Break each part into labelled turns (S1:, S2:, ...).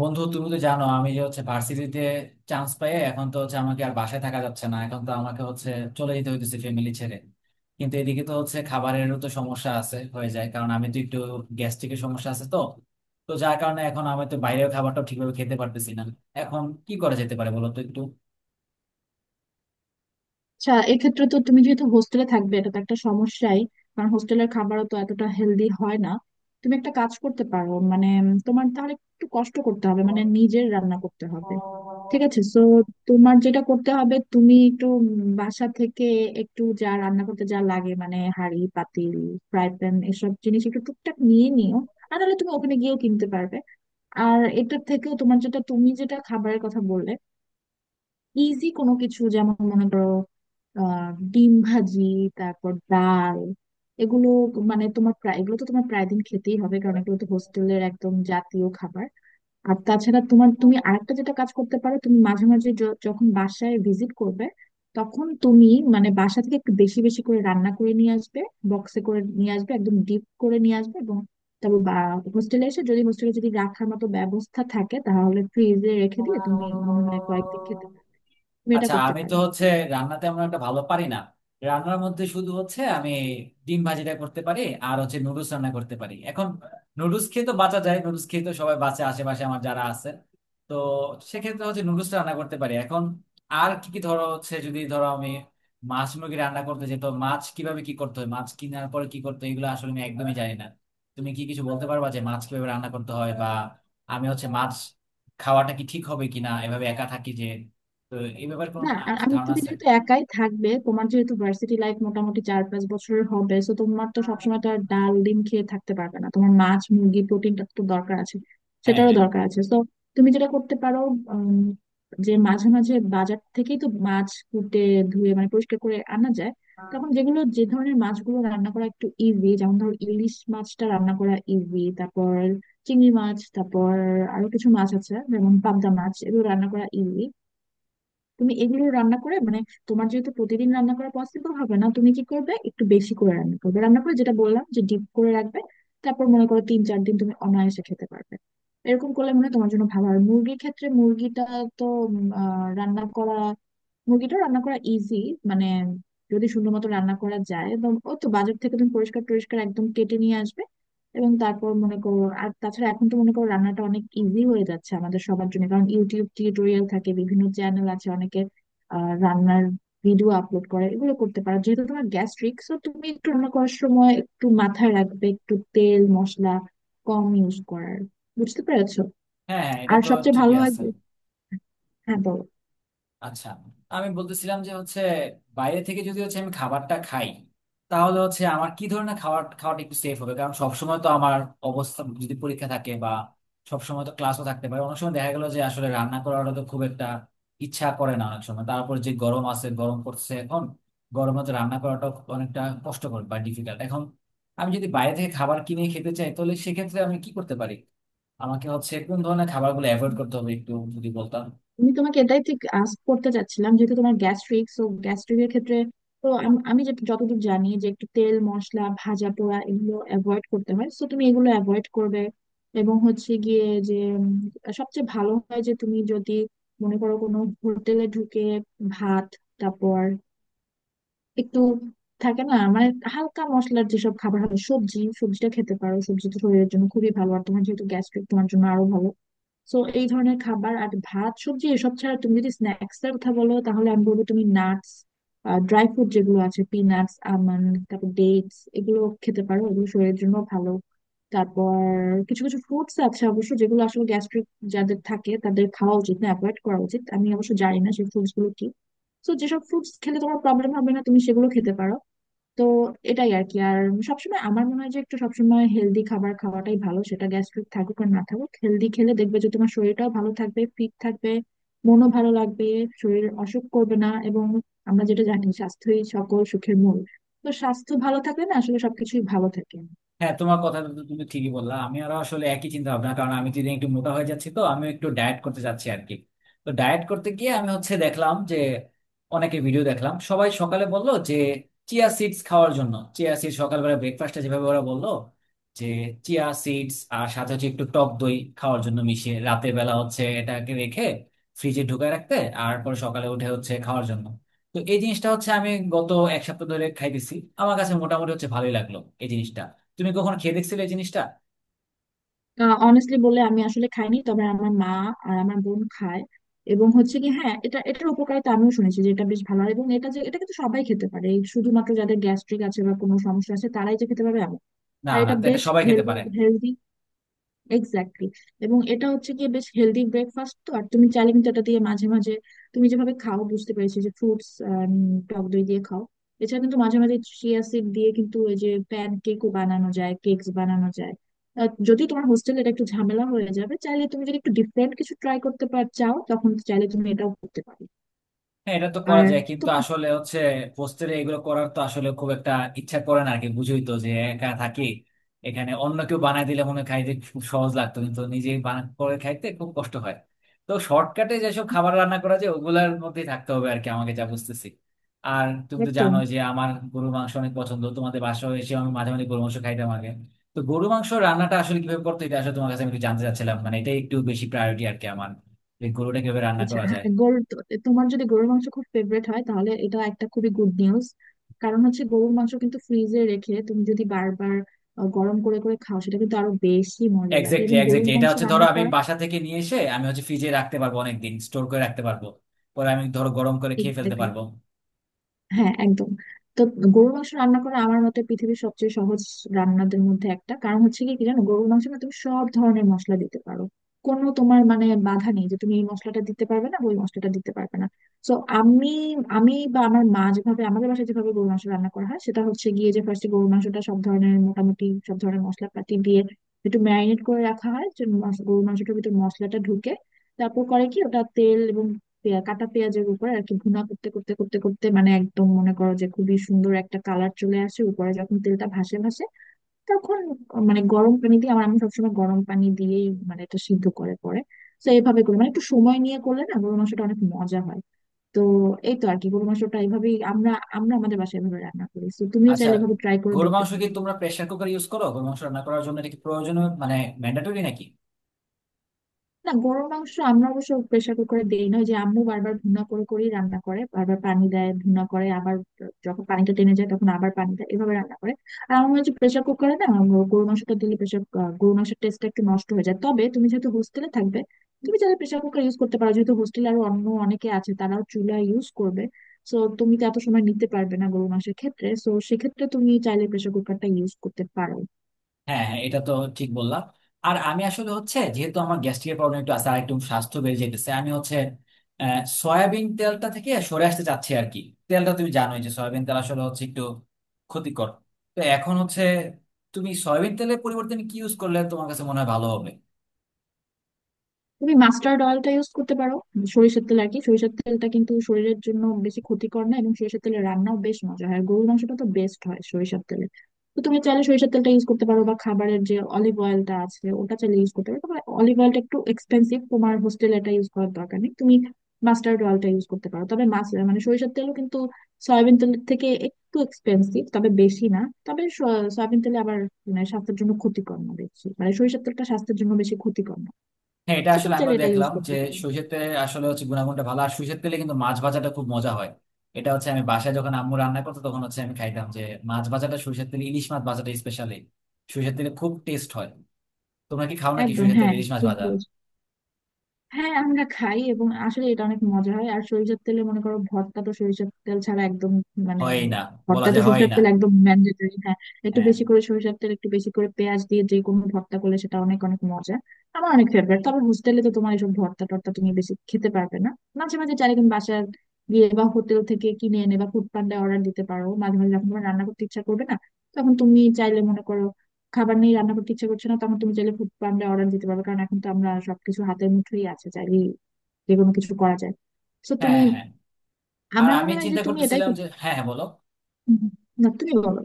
S1: বন্ধু, তুমি তো জানো আমি যে হচ্ছে ভার্সিটিতে চান্স পাই, এখন তো হচ্ছে আমাকে আর বাসায় থাকা যাচ্ছে না, এখন তো আমাকে হচ্ছে চলে যেতে হইতেছে ফ্যামিলি ছেড়ে। কিন্তু এদিকে তো হচ্ছে খাবারেরও তো সমস্যা আছে হয়ে যায়, কারণ আমি তো একটু গ্যাস্ট্রিকের সমস্যা আছে তো তো যার কারণে এখন আমি তো বাইরের খাবারটা ঠিকভাবে খেতে পারতেছি না। এখন কি করা যেতে পারে, বলো তো একটু।
S2: আচ্ছা, এক্ষেত্রে তো তুমি যেহেতু হোস্টেলে থাকবে, এটা তো একটা সমস্যাই। কারণ হোস্টেলের খাবারও তো এতটা হেলদি হয় না। তুমি একটা কাজ করতে পারো, মানে তোমার তাহলে একটু কষ্ট করতে হবে, মানে নিজের রান্না করতে হবে। ঠিক আছে। সো তোমার যেটা করতে হবে, তুমি একটু বাসা থেকে একটু যা রান্না করতে যা লাগে, মানে হাঁড়ি পাতিল, ফ্রাই প্যান, এসব জিনিস একটু টুকটাক নিয়ে নিও। আর নাহলে তুমি ওখানে গিয়েও কিনতে পারবে। আর এটার থেকেও তোমার যেটা, তুমি যেটা খাবারের কথা বললে, ইজি কোনো কিছু, যেমন মনে করো ডিম ভাজি, তারপর ডাল, এগুলো। মানে তোমার প্রায় এগুলো তো তোমার প্রায় দিন খেতেই হবে, কারণ এগুলো তো হোস্টেলের একদম জাতীয় খাবার। আর তাছাড়া তোমার, তুমি আরেকটা যেটা কাজ করতে পারো, তুমি মাঝে মাঝে যখন বাসায় ভিজিট করবে, তখন তুমি মানে বাসা থেকে একটু বেশি বেশি করে রান্না করে নিয়ে আসবে, বক্সে করে নিয়ে আসবে, একদম ডিপ করে নিয়ে আসবে এবং তারপর হোস্টেলে এসে যদি, হোস্টেলে যদি রাখার মতো ব্যবস্থা থাকে তাহলে ফ্রিজে রেখে দিয়ে তুমি মনে হয় কয়েকদিন খেতে পারবে। তুমি এটা
S1: আচ্ছা,
S2: করতে
S1: আমি তো
S2: পারি।
S1: হচ্ছে রান্না তেমন একটা ভালো পারি না। রান্নার মধ্যে শুধু হচ্ছে আমি ডিম ভাজিটা করতে পারি আর হচ্ছে নুডলস রান্না করতে পারি এখন। নুডলস খেয়ে তো বাঁচা যায়, নুডলস খেয়ে তো সবাই বাঁচে আশেপাশে আমার যারা আছে তো। সেক্ষেত্রে হচ্ছে নুডলস রান্না করতে পারি এখন। আর কি কি, ধরো হচ্ছে যদি ধরো আমি মাছ মুরগি রান্না করতে যেত, মাছ কিভাবে কি করতে হয়, মাছ কেনার পরে কি করতে হয়, এগুলো আসলে আমি একদমই জানি না। তুমি কি কিছু বলতে পারবা যে মাছ কিভাবে রান্না করতে হয়, বা আমি হচ্ছে মাছ খাওয়াটা কি ঠিক হবে কিনা এভাবে একা থাকি যে। তো এই ব্যাপারে কোনো
S2: না, আর আমি,
S1: ধারণা
S2: তুমি
S1: আছে?
S2: যেহেতু একাই থাকবে, তোমার যেহেতু ভার্সিটি লাইফ মোটামুটি চার পাঁচ বছরের হবে, তো তোমার তো সবসময় তো আর ডাল ডিম খেয়ে থাকতে পারবে না। তোমার মাছ মুরগি প্রোটিনটা তো দরকার আছে।
S1: হ্যাঁ,
S2: সেটারও
S1: হ্যাঁ।
S2: দরকার আছে। তো তুমি যেটা করতে পারো, উম, যে মাঝে মাঝে বাজার থেকেই তো মাছ কুটে ধুয়ে মানে পরিষ্কার করে আনা যায়।
S1: হ্যাঁ,
S2: তখন যেগুলো, যে ধরনের মাছগুলো রান্না করা একটু ইজি, যেমন ধরো ইলিশ মাছটা রান্না করা ইজি, তারপর চিংড়ি মাছ, তারপর আরো কিছু মাছ আছে, যেমন পাবদা মাছ, এগুলো রান্না করা ইজি। তুমি এগুলো রান্না করে, মানে তোমার যেহেতু প্রতিদিন রান্না করা পসিবল হবে না, তুমি কি করবে, একটু বেশি করে রান্না করবে, রান্না করে যেটা বললাম, যে ডিপ করে রাখবে। তারপর মনে করো তিন চার দিন তুমি অনায়াসে খেতে পারবে। এরকম করলে মনে হয় তোমার জন্য ভালো হয়। মুরগির ক্ষেত্রে, মুরগিটা তো রান্না করা, মুরগিটা রান্না করা ইজি। মানে যদি সুন্দর মতো রান্না করা যায় এবং ও তো বাজার থেকে তুমি পরিষ্কার টরিষ্কার একদম কেটে নিয়ে আসবে। এবং তারপর মনে করো, আর তাছাড়া এখন তো মনে করো রান্নাটা অনেক ইজি হয়ে যাচ্ছে আমাদের সবার জন্য, কারণ ইউটিউব টিউটোরিয়াল থাকে, বিভিন্ন চ্যানেল আছে, অনেকে রান্নার ভিডিও আপলোড করে। এগুলো করতে পারো। যেহেতু তোমার গ্যাস্ট্রিক, সো তুমি একটু রান্না করার সময় একটু মাথায় রাখবে, একটু তেল মশলা কম ইউজ করার। বুঝতে পেরেছো?
S1: হ্যাঁ, এটা
S2: আর
S1: তো
S2: সবচেয়ে
S1: ঠিকই
S2: ভালো হয়,
S1: আছে।
S2: হ্যাঁ বলো।
S1: আচ্ছা, আমি বলতেছিলাম যে হচ্ছে বাইরে থেকে যদি হচ্ছে আমি খাবারটা খাই, তাহলে হচ্ছে আমার কি ধরনের খাবার খাওয়াটা একটু সেফ হবে? কারণ সবসময় তো আমার অবস্থা যদি পরীক্ষা থাকে বা সবসময় তো ক্লাসও থাকতে পারে, অনেক সময় দেখা গেল যে আসলে রান্না করাটা তো খুব একটা ইচ্ছা করে না। অনেক সময় তারপর যে গরম আছে, গরম করছে এখন, গরমে তো রান্না করাটা অনেকটা কষ্টকর বা ডিফিকাল্ট। এখন আমি যদি বাইরে থেকে খাবার কিনে খেতে চাই, তাহলে সেক্ষেত্রে আমি কি করতে পারি? আমাকে হচ্ছে কোন ধরনের খাবারগুলো অ্যাভয়েড করতে হবে একটু যদি বলতাম।
S2: আমি তোমাকে এটাই ঠিক আস্ক করতে চাচ্ছিলাম, যেহেতু তোমার গ্যাস্ট্রিক, সো গ্যাস্ট্রিকের ক্ষেত্রে, তো আমি যে যতদূর জানি যে একটু তেল মশলা ভাজা পোড়া এগুলো অ্যাভয়েড করতে হয়, সো তুমি এগুলো অ্যাভয়েড করবে। এবং হচ্ছে গিয়ে যে সবচেয়ে ভালো হয় যে তুমি যদি মনে করো কোনো হোটেলে ঢুকে ভাত, তারপর একটু থাকে না, মানে হালকা মশলার যেসব খাবার হয়, সবজি, সবজিটা খেতে পারো। সবজি তো শরীরের জন্য খুবই ভালো, আর তোমার যেহেতু গ্যাস্ট্রিক তোমার জন্য আরো ভালো। সো এই ধরনের খাবার, আর ভাত সবজি এসব ছাড়া তুমি যদি স্ন্যাক্স এর কথা বলো, তাহলে আমি বলবো তুমি নাটস, ড্রাই ফ্রুট যেগুলো আছে, পিনাটস, আমন্ড, তারপর ডেটস, এগুলো খেতে পারো। এগুলো শরীরের জন্য ভালো। তারপর কিছু কিছু ফ্রুটস আছে অবশ্য, যেগুলো আসলে গ্যাস্ট্রিক যাদের থাকে তাদের খাওয়া উচিত না, অ্যাভয়েড করা উচিত। আমি অবশ্য জানি না সেই ফ্রুটস গুলো কি। তো যেসব ফ্রুটস খেলে তোমার প্রবলেম হবে না, তুমি সেগুলো খেতে পারো। তো এটাই আর কি। আর সবসময় আমার মনে হয় যে একটু সবসময় হেলদি খাবার খাওয়াটাই ভালো। সেটা গ্যাস্ট্রিক থাকুক আর না থাকুক, হেলদি খেলে দেখবে যে তোমার শরীরটাও ভালো থাকবে, ফিট থাকবে, মনও ভালো লাগবে, শরীর অসুখ করবে না। এবং আমরা যেটা জানি, স্বাস্থ্যই সকল সুখের মূল। তো স্বাস্থ্য ভালো থাকলে না আসলে সবকিছুই ভালো থাকে।
S1: হ্যাঁ, তোমার কথাটা তো তুমি ঠিকই বললা, আমি আরো আসলে একই চিন্তা ভাবনা। কারণ আমি তো ইদানিং একটু মোটা হয়ে যাচ্ছি, তো আমি একটু ডায়েট করতে চাচ্ছি আর কি। তো ডায়েট করতে গিয়ে আমি হচ্ছে দেখলাম যে অনেকে ভিডিও দেখলাম, সবাই সকালে বললো যে চিয়া সিডস খাওয়ার জন্য। চিয়া সিডস সকালবেলা ব্রেকফাস্টে যেভাবে ওরা বললো যে চিয়া সিডস আর সাথে হচ্ছে একটু টক দই খাওয়ার জন্য মিশিয়ে, রাতের বেলা হচ্ছে এটাকে রেখে ফ্রিজে ঢুকায় রাখতে, আর পরে সকালে উঠে হচ্ছে খাওয়ার জন্য। তো এই জিনিসটা হচ্ছে আমি গত এক সপ্তাহ ধরে খাইতেছি। আমার কাছে মোটামুটি হচ্ছে ভালোই লাগলো এই জিনিসটা। তুমি কখনো খেয়ে দেখছিলে এই জিনিসটা?
S2: অনেস্টলি বললে আমি আসলে খাইনি, তবে আমার মা আর আমার বোন খায়। এবং হচ্ছে কি, হ্যাঁ, এটা, এটার উপকারিতা আমিও শুনেছি যে এটা বেশ ভালো। আর এবং এটা, যে এটা কিন্তু সবাই খেতে পারে। এই শুধুমাত্র যাদের গ্যাস্ট্রিক আছে বা কোনো সমস্যা আছে তারাই যে খেতে পারবে এমন।
S1: না,
S2: আর
S1: না,
S2: এটা
S1: তো এটা
S2: বেশ
S1: সবাই খেতে পারে।
S2: Healthy, exactly. এবং এটা হচ্ছে গিয়ে বেশ হেলদি ব্রেকফাস্ট। তো আর তুমি চাইলে কিন্তু এটা দিয়ে মাঝে মাঝে, তুমি যেভাবে খাও বুঝতে পেরেছি, যে ফ্রুটস, টক দই দিয়ে খাও, এছাড়া কিন্তু মাঝে মাঝে চিয়া সিড দিয়ে কিন্তু ওই যে প্যান কেকও বানানো যায়, কেকস বানানো যায়। যদি তোমার হোস্টেলে এটা একটু ঝামেলা হয়ে যাবে, চাইলে তুমি যদি একটু ডিফারেন্ট কিছু ট্রাই করতে পার চাও, তখন চাইলে তুমি এটাও করতে পারো।
S1: হ্যাঁ, এটা তো করা
S2: আর
S1: যায়, কিন্তু
S2: তোমার
S1: আসলে হচ্ছে হোস্টেলে এগুলো করার তো আসলে খুব একটা ইচ্ছা করে না আর কি, বুঝোই তো যে একা থাকি। এখানে অন্য কেউ বানাই দিলে মনে হয় খাইতে খুব সহজ লাগতো, কিন্তু নিজে বানা করে খাইতে খুব কষ্ট হয়। তো শর্টকাটে যেসব খাবার রান্না করা যায়, ওগুলার মধ্যেই থাকতে হবে আর কি আমাকে, যা বুঝতেছি। আর তুমি তো
S2: একদম
S1: জানোই যে আমার গরু মাংস অনেক পছন্দ, তোমাদের বাসায় এসে আমি মাঝে মাঝে গরু মাংস খাইতাম আগে। তো গরু মাংস রান্নাটা আসলে কিভাবে করতে, এটা আসলে তোমার কাছে আমি একটু জানতে চাচ্ছিলাম, মানে এটা একটু বেশি প্রায়োরিটি আর কি আমার, যে গরুটা কিভাবে রান্না
S2: আচ্ছা,
S1: করা
S2: হ্যাঁ,
S1: যায়।
S2: তোমার যদি গরুর মাংস খুব ফেভারিট হয়, তাহলে এটা একটা খুবই গুড নিউজ। কারণ হচ্ছে গরুর মাংস কিন্তু ফ্রিজে রেখে তুমি যদি বারবার গরম করে করে খাও, সেটা কিন্তু আরো বেশি মজা লাগে।
S1: এক্স্যাক্টলি,
S2: এবং গরুর
S1: এক্স্যাক্টলি, এটা
S2: মাংস
S1: হচ্ছে ধরো
S2: রান্না
S1: আমি
S2: করা,
S1: বাসা থেকে নিয়ে এসে আমি হচ্ছে ফ্রিজে রাখতে পারবো, অনেক দিন স্টোর করে রাখতে পারবো। পরে আমি ধরো গরম করে খেয়ে ফেলতে পারবো।
S2: হ্যাঁ একদম, তো গরুর মাংস রান্না করা আমার মতে পৃথিবীর সবচেয়ে সহজ রান্নাদের মধ্যে একটা। কারণ হচ্ছে কি, কি জানো, গরুর মাংসে না তুমি সব ধরনের মশলা দিতে পারো। কোনো তোমার, মানে বাধা নেই যে তুমি এই মশলাটা দিতে পারবে না, ওই মশলাটা দিতে পারবে না। তো আমি আমি বা আমার মা যেভাবে আমাদের বাসায় যেভাবে গরুর মাংস রান্না করা হয়, সেটা হচ্ছে গিয়ে যে ফার্স্টে গরুর মাংসটা সব ধরনের, মোটামুটি সব ধরনের মশলাপাতি দিয়ে একটু ম্যারিনেট করে রাখা হয়, যে গরুর মাংসটার ভিতর মশলাটা ঢুকে। তারপর করে কি, ওটা তেল এবং কাটা পেঁয়াজের উপরে আর কি ভুনা করতে করতে করতে করতে মানে একদম মনে করো যে খুবই সুন্দর একটা কালার চলে আসে, উপরে যখন তেলটা ভাসে ভাসে, তখন মানে গরম পানি দিয়ে, আমার, আমি সবসময় গরম পানি দিয়েই মানে এটা সিদ্ধ করে পরে। তো এইভাবে করি, মানে একটু সময় নিয়ে করলে না গরু মাংসটা অনেক মজা হয়। তো এই তো আর কি, গরু মাংসটা এইভাবেই আমরা আমরা আমাদের বাসায় এভাবে রান্না করি। তো তুমিও
S1: আচ্ছা,
S2: চাইলে এভাবে ট্রাই করে
S1: গরুর
S2: দেখতে
S1: মাংস
S2: পারো।
S1: কি তোমরা প্রেসার কুকার ইউজ করো গরুর মাংস রান্না করার জন্য? এটা কি প্রয়োজনীয়, মানে ম্যান্ডেটরি নাকি?
S2: না, গরুর মাংস আমরা অবশ্য প্রেসার কুকারে দেই না। ওই যে আম্মু বারবার ভুনা করে করেই রান্না করে, বারবার পানি দেয়, ভুনা করে আবার যখন পানিটা টেনে যায় তখন আবার পানি দেয়, এভাবে রান্না করে। আর আমার মনে হচ্ছে প্রেসার কুকারে না গরুর মাংসটা দিলে প্রেসার, গরুর মাংসের টেস্টটা একটু নষ্ট হয়ে যায়। তবে তুমি যেহেতু হোস্টেলে থাকবে, তুমি চাইলে প্রেসার কুকার ইউজ করতে পারো। যেহেতু হোস্টেলে আরো অন্য অনেকে আছে, তারাও চুলা ইউজ করবে, সো তুমি তো এত সময় নিতে পারবে না গরুর মাংসের ক্ষেত্রে, সো সেক্ষেত্রে তুমি চাইলে প্রেসার কুকারটা ইউজ করতে পারো।
S1: হ্যাঁ, হ্যাঁ, এটা তো ঠিক বললাম। আর আমি আসলে হচ্ছে যেহেতু আমার গ্যাস্ট্রিকের প্রবলেম একটু আছে আর একটু স্বাস্থ্য বেড়ে যেতেছে, আমি হচ্ছে সয়াবিন তেলটা থেকে সরে আসতে চাচ্ছি আর কি। তেলটা তুমি জানোই যে সয়াবিন তেল আসলে হচ্ছে একটু ক্ষতিকর। তো এখন হচ্ছে তুমি সয়াবিন তেলের পরিবর্তে তুমি কি ইউজ করলে তোমার কাছে মনে হয় ভালো হবে?
S2: তুমি মাস্টার্ড অয়েলটা ইউজ করতে পারো, সরিষার তেল আর কি। সরিষার তেলটা কিন্তু শরীরের জন্য বেশি ক্ষতিকর না, এবং সরিষার তেলের রান্নাও বেশ মজা হয়, আর গরুর মাংসটা তো বেস্ট হয় সরিষার তেলে। তো তুমি চাইলে সরিষার তেলটা ইউজ করতে পারো, বা খাবারের যে অলিভ অয়েলটা আছে ওটা চাইলে ইউজ করতে পারো। তবে অলিভ অয়েলটা একটু এক্সপেন্সিভ, তোমার হোস্টেলে এটা ইউজ করার দরকার নেই। তুমি মাস্টার্ড অয়েলটা ইউজ করতে পারো। তবে মাছ, মানে সরিষার তেলও কিন্তু সয়াবিন তেলের থেকে একটু এক্সপেন্সিভ, তবে বেশি না। তবে সয়াবিন তেলে আবার মানে স্বাস্থ্যের জন্য ক্ষতিকর না বেশি, মানে সরিষার তেলটা স্বাস্থ্যের জন্য বেশি ক্ষতিকর না।
S1: হ্যাঁ, এটা
S2: তো
S1: আসলে
S2: তুমি
S1: আমিও
S2: চাইলে এটা ইউজ
S1: দেখলাম যে
S2: করতে পারো।
S1: সরিষার তেলে আসলে হচ্ছে গুণাগুণটা ভালো, আর সরিষার তেলে কিন্তু মাছ ভাজাটা খুব মজা হয়। এটা হচ্ছে আমি বাসায় যখন আম্মু রান্না করতো তখন হচ্ছে আমি খাইতাম যে মাছ ভাজাটা সরিষার তেলে, ইলিশ মাছ ভাজাটা স্পেশালি সরিষার তেলে খুব টেস্ট হয়। তোমরা কি খাও নাকি
S2: একদম,
S1: সরিষার তেলে
S2: হ্যাঁ,
S1: ইলিশ মাছ
S2: ঠিক
S1: ভাজা?
S2: বলছো। হ্যাঁ আমরা খাই, এবং আসলে এটা অনেক মজা হয়। আর সরিষার তেলে মনে করো ভর্তা তো সরিষার তেল ছাড়া একদম মানে,
S1: হয় না, বলা
S2: ভর্তা তো
S1: যায় হয়
S2: সরিষার
S1: না।
S2: তেল একদম ম্যান্ডেটরি, হ্যাঁ। একটু
S1: হ্যাঁ,
S2: বেশি করে সরিষার তেল, একটু বেশি করে পেঁয়াজ দিয়ে যে কোনো ভর্তা করলে সেটা অনেক অনেক মজা। আমার অনেক ফেভারিট। তবে হোস্টেলে তো তোমার এসব ভর্তা টর্তা তুমি বেশি খেতে পারবে না। মাঝে মাঝে চাইলে তুমি বাসার গিয়ে বা হোটেল থেকে কিনে এনে বা ফুড পান্ডায় অর্ডার দিতে পারো মাঝে মাঝে যখন তোমার রান্না করতে ইচ্ছা করবে না। তখন তুমি চাইলে মনে করো খাবার নেই, রান্না করতে ইচ্ছে করছে না, তখন তুমি চাইলে ফুড পান্ডা অর্ডার দিতে পারবে। কারণ এখন তো আমরা সবকিছু হাতের মুঠোই আছে, চাইলেই যে কোনো কিছু করা যায়। তো তুমি,
S1: হ্যাঁ, হ্যাঁ। আর
S2: আমার
S1: আমি
S2: মনে হয় যে
S1: চিন্তা
S2: তুমি এটাই
S1: করতেছিলাম যে, হ্যাঁ হ্যাঁ বলো।
S2: হুম, না, তুমি বলো।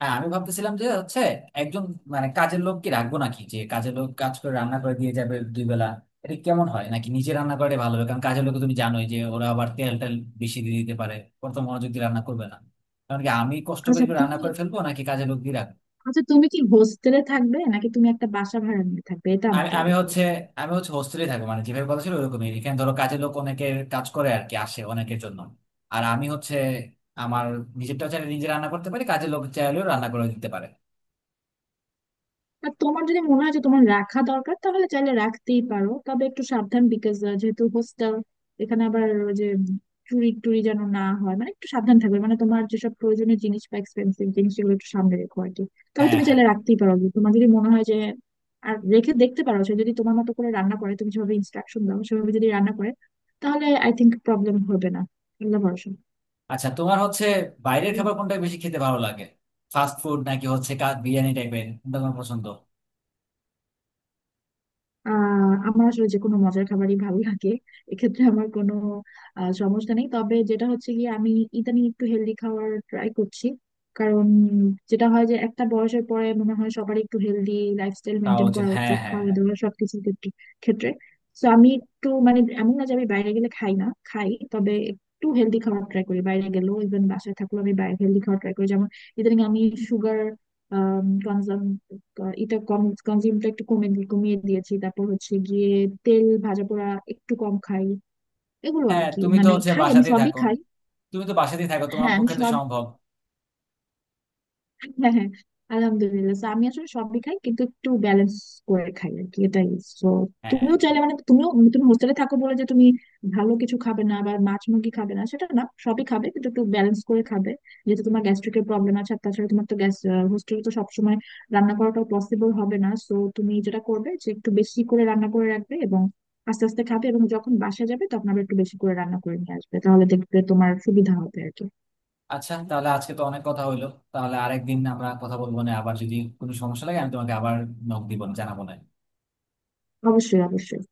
S1: হ্যাঁ, আমি ভাবতেছিলাম যে হচ্ছে একজন মানে কাজের লোক কি রাখবো নাকি, যে কাজের লোক কাজ করে রান্না করে দিয়ে যাবে 2 বেলা। এটা কেমন হয় নাকি নিজে রান্না করে ভালো হবে? কারণ কাজের লোক তুমি জানোই যে ওরা আবার তেল টেল বেশি দিয়ে দিতে পারে, ওরা তো মনোযোগ দিয়ে রান্না করবে না। কারণ কি আমি কষ্ট করে
S2: আচ্ছা
S1: একটু রান্না
S2: তুমি,
S1: করে ফেলবো, নাকি কাজের লোক দিয়ে রাখবো?
S2: আচ্ছা তুমি কি হোস্টেলে থাকবে নাকি তুমি একটা বাসা ভাড়া নিয়ে থাকবে, এটা
S1: আমি
S2: আমাকে
S1: আমি
S2: আগে বলো।
S1: হচ্ছে, আমি হচ্ছে হোস্টেলে থাকি, মানে যেভাবে কথা ছিল ওরকমই। এখানে ধরো কাজের লোক অনেকের কাজ করে আর কি, আসে অনেকের জন্য। আর আমি হচ্ছে আমার নিজেরটা চাইলে নিজে রান্না করতে পারি, কাজের লোক চাইলেও রান্না করে দিতে পারে।
S2: আর তোমার যদি মনে হয় যে তোমার রাখা দরকার, তাহলে চাইলে রাখতেই পারো। তবে একটু সাবধান, বিকজ যেহেতু হোস্টেল, এখানে আবার ওই যে চুরি টুরি যেন না হয়, মানে একটু সাবধান থাকবে, মানে তোমার যেসব প্রয়োজনীয় জিনিস বা এক্সপেন্সিভ জিনিস সেগুলো একটু সামনে রেখো আর কি। তবে
S1: হ্যাঁ,
S2: তুমি
S1: হ্যাঁ।
S2: চাইলে রাখতেই পারো, তোমার যদি মনে হয় যে, আর রেখে দেখতে পারো। সে যদি তোমার মতো করে রান্না করে, তুমি যেভাবে ইনস্ট্রাকশন দাও সেভাবে যদি রান্না করে, তাহলে আই থিংক প্রবলেম হবে না। আল্লাহ ভরসা।
S1: আচ্ছা, তোমার হচ্ছে বাইরের খাবার কোনটা বেশি খেতে ভালো লাগে? ফাস্ট ফুড নাকি হচ্ছে বিরিয়ানি টাইপের, কোনটা তোমার পছন্দ?
S2: আহ, আমার আসলে যে কোনো মজার খাবারই ভালো লাগে। এক্ষেত্রে আমার কোনো সমস্যা নেই। তবে যেটা হচ্ছে গিয়ে, আমি ইদানিং একটু হেলদি খাওয়ার ট্রাই করছি। কারণ যেটা হয়, যে একটা বয়সের পরে মনে হয় সবারই একটু হেলদি লাইফস্টাইল
S1: খাওয়া
S2: মেনটেন
S1: উচিত,
S2: করা
S1: হ্যাঁ,
S2: উচিত,
S1: হ্যাঁ,
S2: খাওয়া
S1: হ্যাঁ।
S2: দাওয়া সবকিছুর ক্ষেত্রে, ক্ষেত্রে। তো আমি একটু, মানে এমন না যে আমি বাইরে গেলে খাই না খাই, তবে একটু হেলদি খাওয়ার ট্রাই করি, বাইরে গেলেও ইভেন বাসায় থাকলেও, আমি বাইরে হেলদি খাওয়ার ট্রাই করি। যেমন ইদানিং আমি সুগার এটা কম, কনজিউমটা একটু কমিয়ে দিয়েছি। তারপর হচ্ছে গিয়ে তেল ভাজা পোড়া একটু কম খাই, এগুলো আর
S1: হ্যাঁ,
S2: কি।
S1: তুমি তো
S2: মানে
S1: হচ্ছে
S2: খাই, আমি
S1: বাসাতেই
S2: সবই
S1: থাকো,
S2: খাই।
S1: তুমি তো বাসাতেই থাকো, তোমার
S2: হ্যাঁ আমি
S1: পক্ষে তো
S2: সবই,
S1: সম্ভব।
S2: হ্যাঁ হ্যাঁ, আলহামদুলিল্লাহ। So, আমি আসলে সবই খাই, কিন্তু একটু ব্যালেন্স করে খাই আর কি, এটাই। সো
S1: হ্যাঁ।
S2: তুমিও চাইলে, মানে তুমিও, তুমি হোস্টেলে থাকো বলে যে তুমি ভালো কিছু খাবে না বা মাছ মুরগি খাবে না সেটা না, সবই খাবে, কিন্তু একটু ব্যালেন্স করে খাবে। যেহেতু তোমার গ্যাস্ট্রিকের প্রবলেম আছে, আর তাছাড়া তোমার তো গ্যাস, হোস্টেলে তো সবসময় রান্না করাটাও পসিবল হবে না, সো তুমি যেটা করবে, যে একটু বেশি করে রান্না করে রাখবে এবং আস্তে আস্তে খাবে, এবং যখন বাসায় যাবে তখন আবার একটু বেশি করে রান্না করে নিয়ে আসবে, তাহলে দেখবে তোমার সুবিধা হবে আর কি।
S1: আচ্ছা, তাহলে আজকে তো অনেক কথা হইলো। তাহলে আরেকদিন আমরা কথা বলবো না, আবার যদি কোনো সমস্যা লাগে আমি তোমাকে আবার নক দিব, জানাবো না?
S2: অবশ্যই, অবশ্যই।